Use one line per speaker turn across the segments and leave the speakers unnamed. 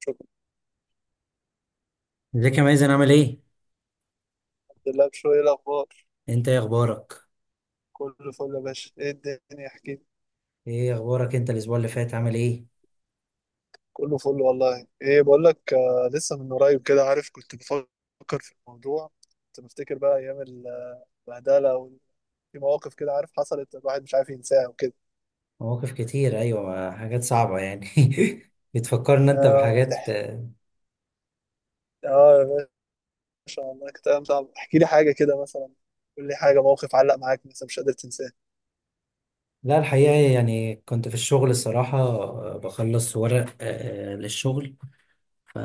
شكرا
ازيك يا مازن عامل ايه؟
لله بشوية. إيه الأخبار؟
انت ايه اخبارك؟
كله فل يا باشا. إيه الدنيا؟ احكي لي.
ايه اخبارك انت الاسبوع اللي فات عامل ايه؟
كله فل والله. إيه بقول لك، لسه من قريب كده، عارف، كنت بفكر في الموضوع. كنت بفتكر بقى أيام البهدلة، وفي مواقف كده عارف حصلت، الواحد مش عارف ينساها وكده.
مواقف كتير، ايوه، حاجات صعبة يعني. بتفكرنا انت
آه
بحاجات.
تح- آه، يا باشا، والله كانت أيام صعبة. احكي لي حاجة كده مثلا، قول لي حاجة، موقف علق معاك مثلا مش قادر تنساه.
لا الحقيقة يعني كنت في الشغل الصراحة بخلص ورق للشغل، ف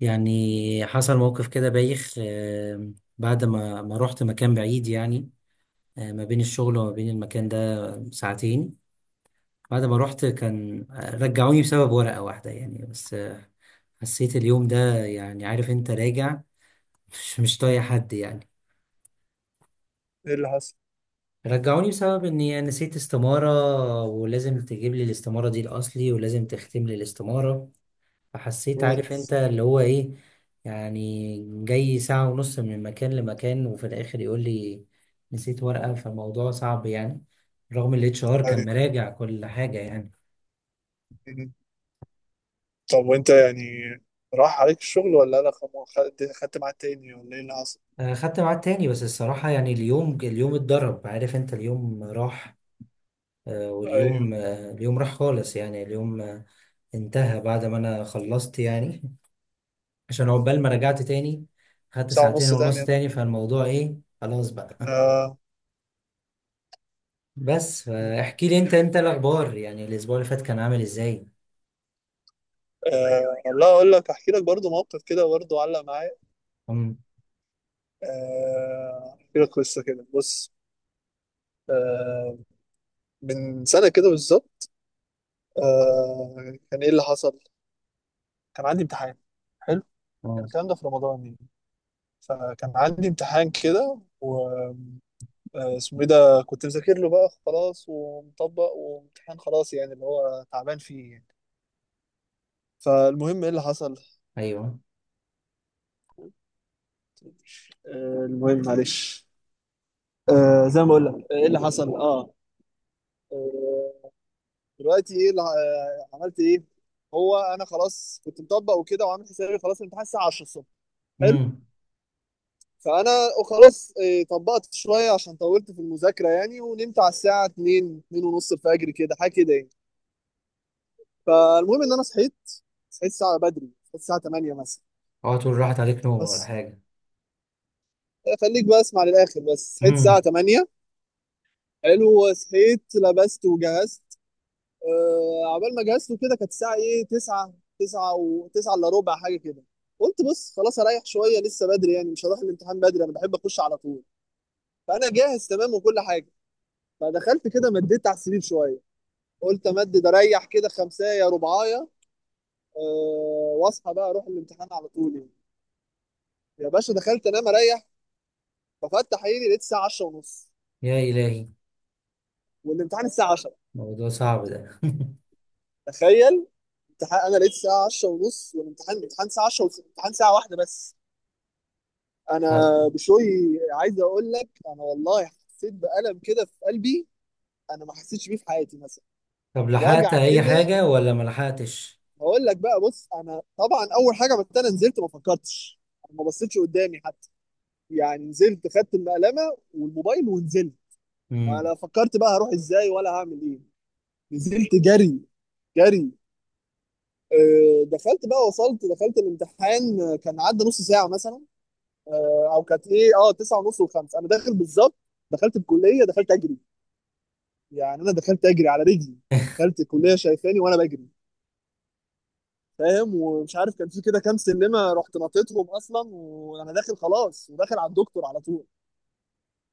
يعني حصل موقف كده بايخ. بعد ما رحت مكان بعيد يعني، ما بين الشغل وما بين المكان ده ساعتين. بعد ما رحت كان، رجعوني بسبب ورقة واحدة يعني، بس حسيت اليوم ده يعني عارف انت راجع مش طايق حد يعني.
إيه اللي حصل؟
رجعوني بسبب اني نسيت استمارة، ولازم تجيب لي الاستمارة دي الاصلي ولازم تختم لي الاستمارة. فحسيت
مم.
عارف انت اللي هو ايه، يعني جاي ساعة ونص من مكان لمكان وفي الاخر يقول لي نسيت ورقة، فالموضوع صعب يعني، رغم ال HR كان
أيوة.
مراجع كل حاجة يعني.
مم. طب وأنت يعني، راح عليك الشغل ولا لا، خدت ميعاد تاني ولا إيه اللي حصل؟
خدت ميعاد تاني، بس الصراحة يعني اليوم اتضرب، عارف انت، اليوم راح،
ايوه.
واليوم اليوم راح خالص يعني اليوم. انتهى بعد ما انا خلصت يعني. عشان عقبال ما رجعت تاني خدت
ساعة
ساعتين
ونص
ونص
تانية ده.
تاني، فالموضوع ايه خلاص بقى.
آه.
بس احكي لي انت، انت الاخبار يعني الاسبوع اللي فات كان عامل ازاي؟
آه. لا، اقول لك احكي لك برضو موقف كده برضو علق معايا.
امم
آه. احكي لك قصة كده، بص. آه. من سنة كده بالظبط. آه. كان ايه اللي حصل، كان عندي امتحان. حلو. كان
اه.
الكلام ده في رمضان يعني، فكان عندي امتحان كده، و اسمه ايه ده، كنت مذاكر له بقى خلاص ومطبق، وامتحان خلاص يعني اللي هو تعبان فيه يعني. فالمهم ايه اللي حصل.
ايوه.
آه، المهم معلش. زي ما بقول لك، ايه اللي حصل آه، دلوقتي ايه اللي عملت ايه. هو انا خلاص كنت مطبق وكده، وعامل حسابي خلاص الامتحان الساعه 10 الصبح. حلو.
امم.
فانا خلاص طبقت شويه عشان طولت في المذاكره يعني، ونمت على الساعه 2، 2 ونص الفجر كده، حاجه كده يعني. فالمهم ان انا صحيت، صحيت الساعه بدري، صحيت الساعه 8 مثلا.
اوعى تقول راحت عليك نوم ولا
بس
حاجه.
خليك بقى اسمع للاخر. بس صحيت الساعه
امم.
8. حلو. صحيت لبست وجهزت. عقبال ما جهزته كده كانت الساعه ايه، 9، 9 و9 الا ربع حاجه كده. قلت بص خلاص اريح شويه، لسه بدري يعني، مش هروح الامتحان بدري، انا بحب اخش على طول. فانا جاهز تمام وكل حاجه. فدخلت كده، مديت على السرير شويه. قلت امدد اريح كده خمسايه رباعيه. واصحى بقى اروح الامتحان على طول يعني. يا باشا، دخلت انام اريح. ففتح عيني لقيت الساعه 10 ونص،
يا الهي،
والامتحان الساعه 10.
موضوع صعب ده.
تخيل، امتحان، انا لقيت الساعه 10 ونص والامتحان، امتحان الساعه 10، والامتحان ساعه واحده بس. انا
طب،
بشوي عايز اقول لك، انا والله حسيت بألم كده في قلبي، انا ما حسيتش بيه في حياتي مثلا.
طب لحقت
وجع
اي
كده.
حاجه ولا ما لحقتش؟
هقول لك بقى، بص، انا طبعا اول حاجه، بس انا نزلت ما فكرتش. أنا ما بصيتش قدامي حتى، يعني نزلت، خدت المقلمه والموبايل ونزلت. ما
امم.
انا فكرت بقى هروح ازاي ولا هعمل ايه، نزلت جري، جري. دخلت بقى، وصلت دخلت الامتحان، كان عدى نص ساعه مثلا، او كانت ايه، 9 ونص وخمس انا داخل بالظبط. دخلت الكليه، دخلت اجري، يعني انا دخلت اجري على رجلي. دخلت الكليه شايفاني وانا بجري، فاهم، ومش عارف كان في كده كام سلمه، رحت نطيتهم اصلا وانا داخل خلاص، وداخل على الدكتور على طول.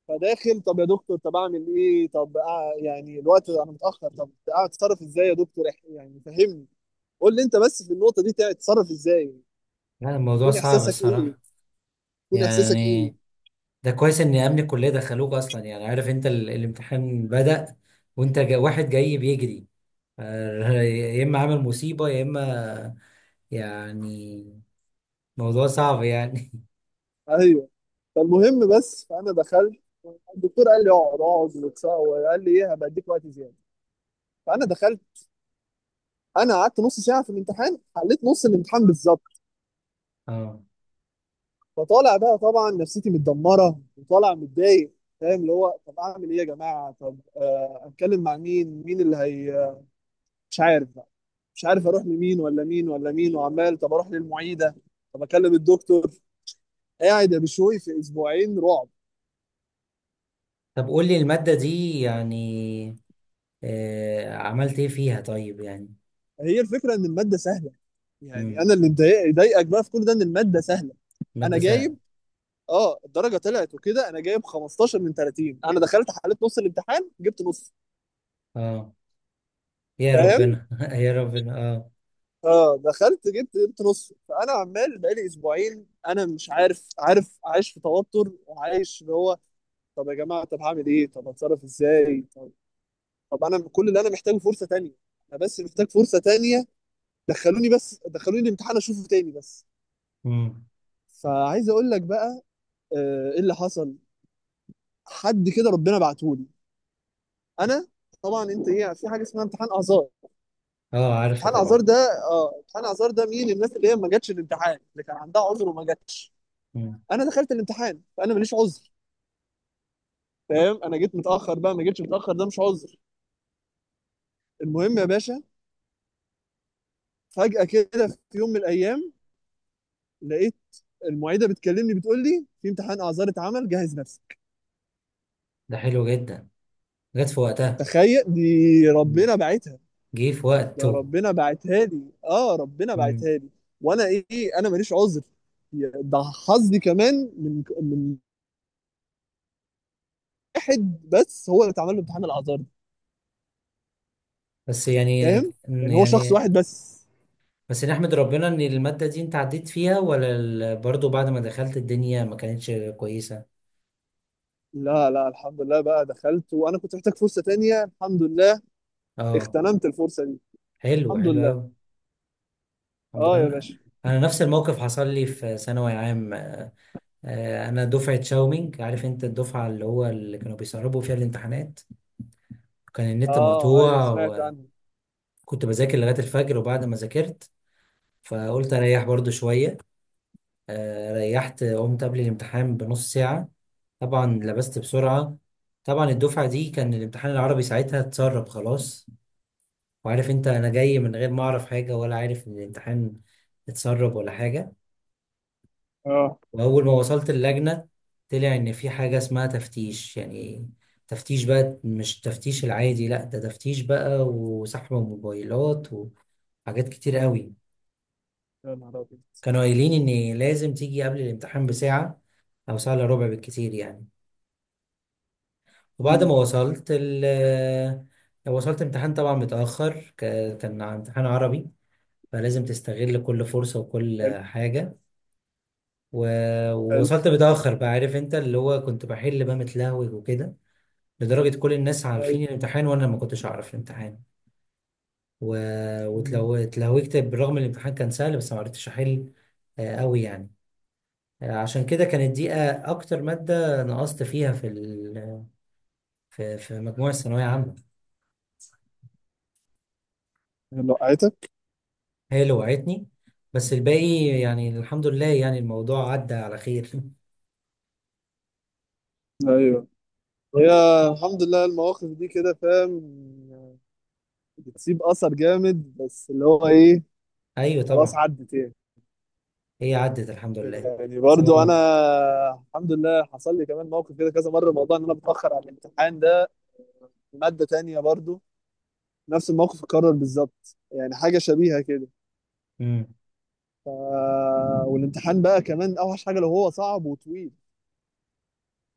فداخل، طب يا دكتور، طب اعمل ايه، طب يعني الوقت انا متاخر، طب اتصرف ازاي يا دكتور، يعني فهمني. قول لي انت بس، في النقطه دي تتصرف ازاي،
لا الموضوع
يكون
صعب
احساسك ايه،
الصراحه،
يكون احساسك ايه.
يعني ده كويس ان امن الكليه دخلوك اصلا، يعني عارف انت ال الامتحان بدأ، وانت جا واحد جاي بيجري، يا اما عامل مصيبه يا اما، يعني موضوع صعب يعني.
ايوه. فالمهم بس فانا دخلت، الدكتور قال لي اقعد اقعد، وقال لي ايه، هبقى اديك وقت زياده. فانا دخلت، انا قعدت نص ساعه في الامتحان، حليت نص الامتحان بالظبط.
اه
فطالع بقى طبعا نفسيتي متدمره، وطالع متضايق، فاهم، اللي هو طب اعمل ايه يا جماعه، طب اتكلم مع مين اللي هي، مش عارف بقى، مش عارف اروح لمين ولا مين ولا مين، وعمال طب اروح للمعيده، طب اكلم الدكتور. قاعد يا بشوي في اسبوعين رعب.
طب قول لي الماده دي يعني آه عملت ايه فيها طيب يعني.
هي الفكره ان الماده سهله، يعني
امم.
انا اللي ضايقك بقى في كل ده، ان الماده سهله. انا
ماده سهله.
جاي، اه الدرجه طلعت وكده، انا جايب 15 من 30، انا دخلت حليت نص الامتحان جبت نص،
اه يا
فاهم.
ربنا، يا ربنا اه.
اه دخلت جبت نص. فانا عمال بقالي اسبوعين انا مش عارف، عارف عايش في توتر، وعايش اللي هو، طب يا جماعه، طب هعمل ايه، طب هتصرف ازاي، طب، طب انا كل اللي انا محتاجه فرصه تانية، انا بس محتاج فرصه تانية، دخلوني بس، دخلوني الامتحان اشوفه تاني بس.
امم.
فعايز اقول لك بقى، ايه اللي حصل، حد كده ربنا بعتهولي. انا طبعا، انت ايه، في حاجه اسمها امتحان اعذار.
اه عارفه
امتحان اعذار
طبعا.
ده، اه امتحان اعذار ده، مين الناس اللي هي ما جاتش الامتحان، اللي كان عندها عذر وما جاتش.
مم.
انا دخلت الامتحان، فانا ماليش عذر، فاهم، انا جيت متاخر بقى، ما جيتش متاخر ده مش عذر. المهم يا باشا، فجاه كده في يوم من الايام، لقيت المعيده بتكلمني، بتقول لي في امتحان اعذار اتعمل، جهز نفسك.
ده حلو جدا، جت في وقتها.
تخيل دي،
مم.
ربنا بعتها.
جه في
ده
وقته.
ربنا بعتها لي، اه ربنا بعتها لي، وانا ايه، انا ماليش عذر، ده حظي كمان، من واحد بس هو اللي اتعمل له امتحان الاعذار،
بس يعني إن-
فاهم، يعني هو شخص
يعني
واحد بس.
بس نحمد ربنا ان المادة دي انت عديت فيها ولا ال برضو بعد ما دخلت الدنيا ما كانتش كويسة.
لا لا، الحمد لله بقى دخلت، وانا كنت محتاج فرصة تانية، الحمد لله
اه
اغتنمت الفرصة دي،
حلو،
الحمد
حلو
لله.
قوي. الحمد لله.
اه يا
انا
باشا.
أنا نفس الموقف حصل لي في ثانوي عام. انا دفعة شاومينج، عارف انت الدفعة اللي هو اللي كانوا بيسربوا فيها الامتحانات، كان النت
اه. ايوه،
مقطوع.
سمعت عنه.
وكنت بذاكر لغاية الفجر، وبعد ما ذاكرت فقلت اريح برضو شوية، ريحت قمت قبل الامتحان بنص ساعة. طبعا لبست بسرعة. طبعا الدفعة دي كان الامتحان العربي ساعتها اتسرب خلاص، وعارف انت انا جاي من غير ما اعرف حاجة ولا عارف ان الامتحان اتسرب ولا حاجة.
اه.
واول ما وصلت اللجنة طلع ان في حاجة اسمها تفتيش يعني، تفتيش بقى مش التفتيش العادي، لا ده تفتيش بقى وسحب موبايلات وحاجات كتير قوي.
يا نهار ابيض.
كانوا قايلين ان لازم تيجي قبل الامتحان بساعة او ساعة الا ربع بالكتير يعني. وبعد ما
أمم.
وصلت ال وصلت امتحان طبعا متأخر، كان امتحان عربي، فلازم تستغل كل فرصة وكل
حلو
حاجة.
حلو.
ووصلت متأخر بقى، عارف انت اللي هو كنت بحل بقى متلهوج وكده. لدرجة كل الناس
ايوه.
عارفين الامتحان وانا ما كنتش اعرف الامتحان، و...
أمم.
اتلهوجت بالرغم ان الامتحان كان سهل، بس ما عرفتش احل قوي يعني. عشان كده كانت دي اكتر مادة نقصت فيها في ال في في مجموع الثانوية عامة،
يلا وقعتك.
هي اللي وقعتني. بس الباقي يعني الحمد لله، يعني الموضوع عدى على خير.
ايوه. هي الحمد لله. المواقف دي كده، فاهم، بتسيب اثر جامد، بس اللي هو ايه،
ايوه
خلاص
طبعا،
عدت يعني.
هي عدت الحمد لله.
يعني برضو انا
تمام.
الحمد لله حصل لي كمان موقف كده كذا مره، موضوع ان انا بتاخر على الامتحان ده. مادة تانية برضو، نفس الموقف اتكرر بالظبط يعني، حاجة شبيهة كده.
امم.
ف... والامتحان بقى كمان اوحش حاجة لو هو صعب وطويل.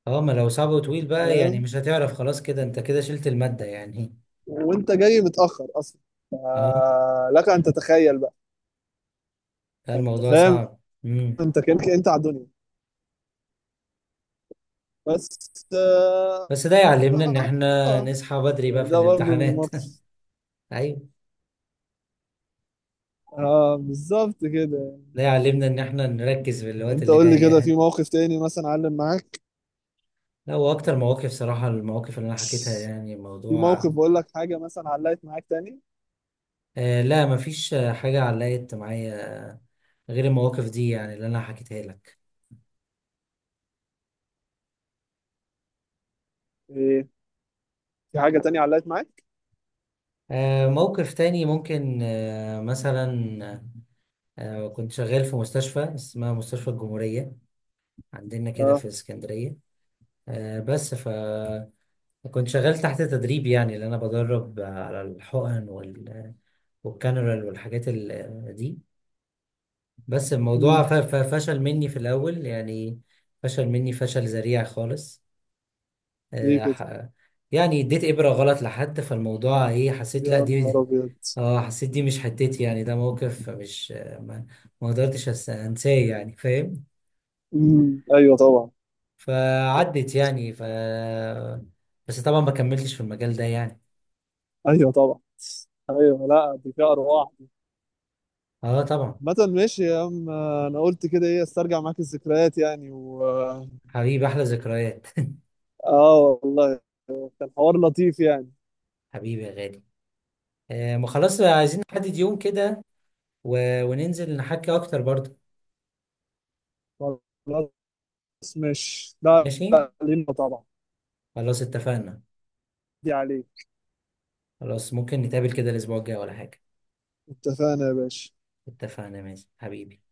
اه ما لو صعب وطويل بقى يعني
فاهم،
مش هتعرف خلاص، كده انت كده شلت المادة يعني.
وانت جاي متأخر اصلا، ف...
اه
لك ان تتخيل بقى،
لا
فانت
الموضوع
فاهم،
صعب. امم.
انت كانك انت على الدنيا بس. آه...
بس ده يعلمنا ان احنا
آه،
نصحى بدري بقى
يعني
في
ده برضو من
الامتحانات.
الموقف.
ايوه
اه بالظبط كده.
ده يعلمنا ان احنا نركز في الوقت
انت
اللي
قول لي
جاي
كده، في
يعني.
موقف تاني مثلا علم معاك،
لا واكتر مواقف صراحة، المواقف اللي انا حكيتها يعني
في
الموضوع.
موقف بقول لك حاجة مثلا علقت معاك تاني،
آه لا مفيش حاجة علقت معايا غير المواقف دي يعني اللي انا حكيتها لك.
ايه، في حاجة تانية علقت معاك.
موقف تاني ممكن، مثلا كنت شغال في مستشفى اسمها مستشفى الجمهورية عندنا كده
اه.
في اسكندرية. بس فكنت شغال تحت تدريب، يعني اللي انا بدرب على الحقن وال والكانرال والحاجات دي. بس الموضوع
مم.
فشل مني في الأول يعني، فشل مني فشل ذريع خالص.
ليه
آه،
كده.
ح- يعني اديت إبرة غلط لحد، فالموضوع ايه، حسيت لا
يا نهار
دي،
ابيض.
اه حسيت دي مش حتتي يعني، ده موقف مش ما قدرتش انساه يعني، فاهم.
مم. ايوه طبعا.
فعدت يعني ف بس طبعا ما كملتش في المجال ده يعني.
ايوه طبعا. ايوه، لا دي فيها ارواح.
اه طبعا.
مثلا، ماشي يا عم، انا قلت كده ايه، استرجع معاك الذكريات يعني. و
حبيبي احلى ذكريات.
اه، والله كان حوار لطيف يعني.
حبيبي يا غالي. آه ما خلاص عايزين نحدد يوم كده وننزل نحكي اكتر برضه.
خلاص، ماشي، لا
ماشي
لا، لينا طبعا.
خلاص اتفقنا.
دي عليك.
خلاص ممكن نتقابل كده الاسبوع الجاي ولا حاجة.
اتفقنا يا باشا.
اتفقنا ماشي حبيبي.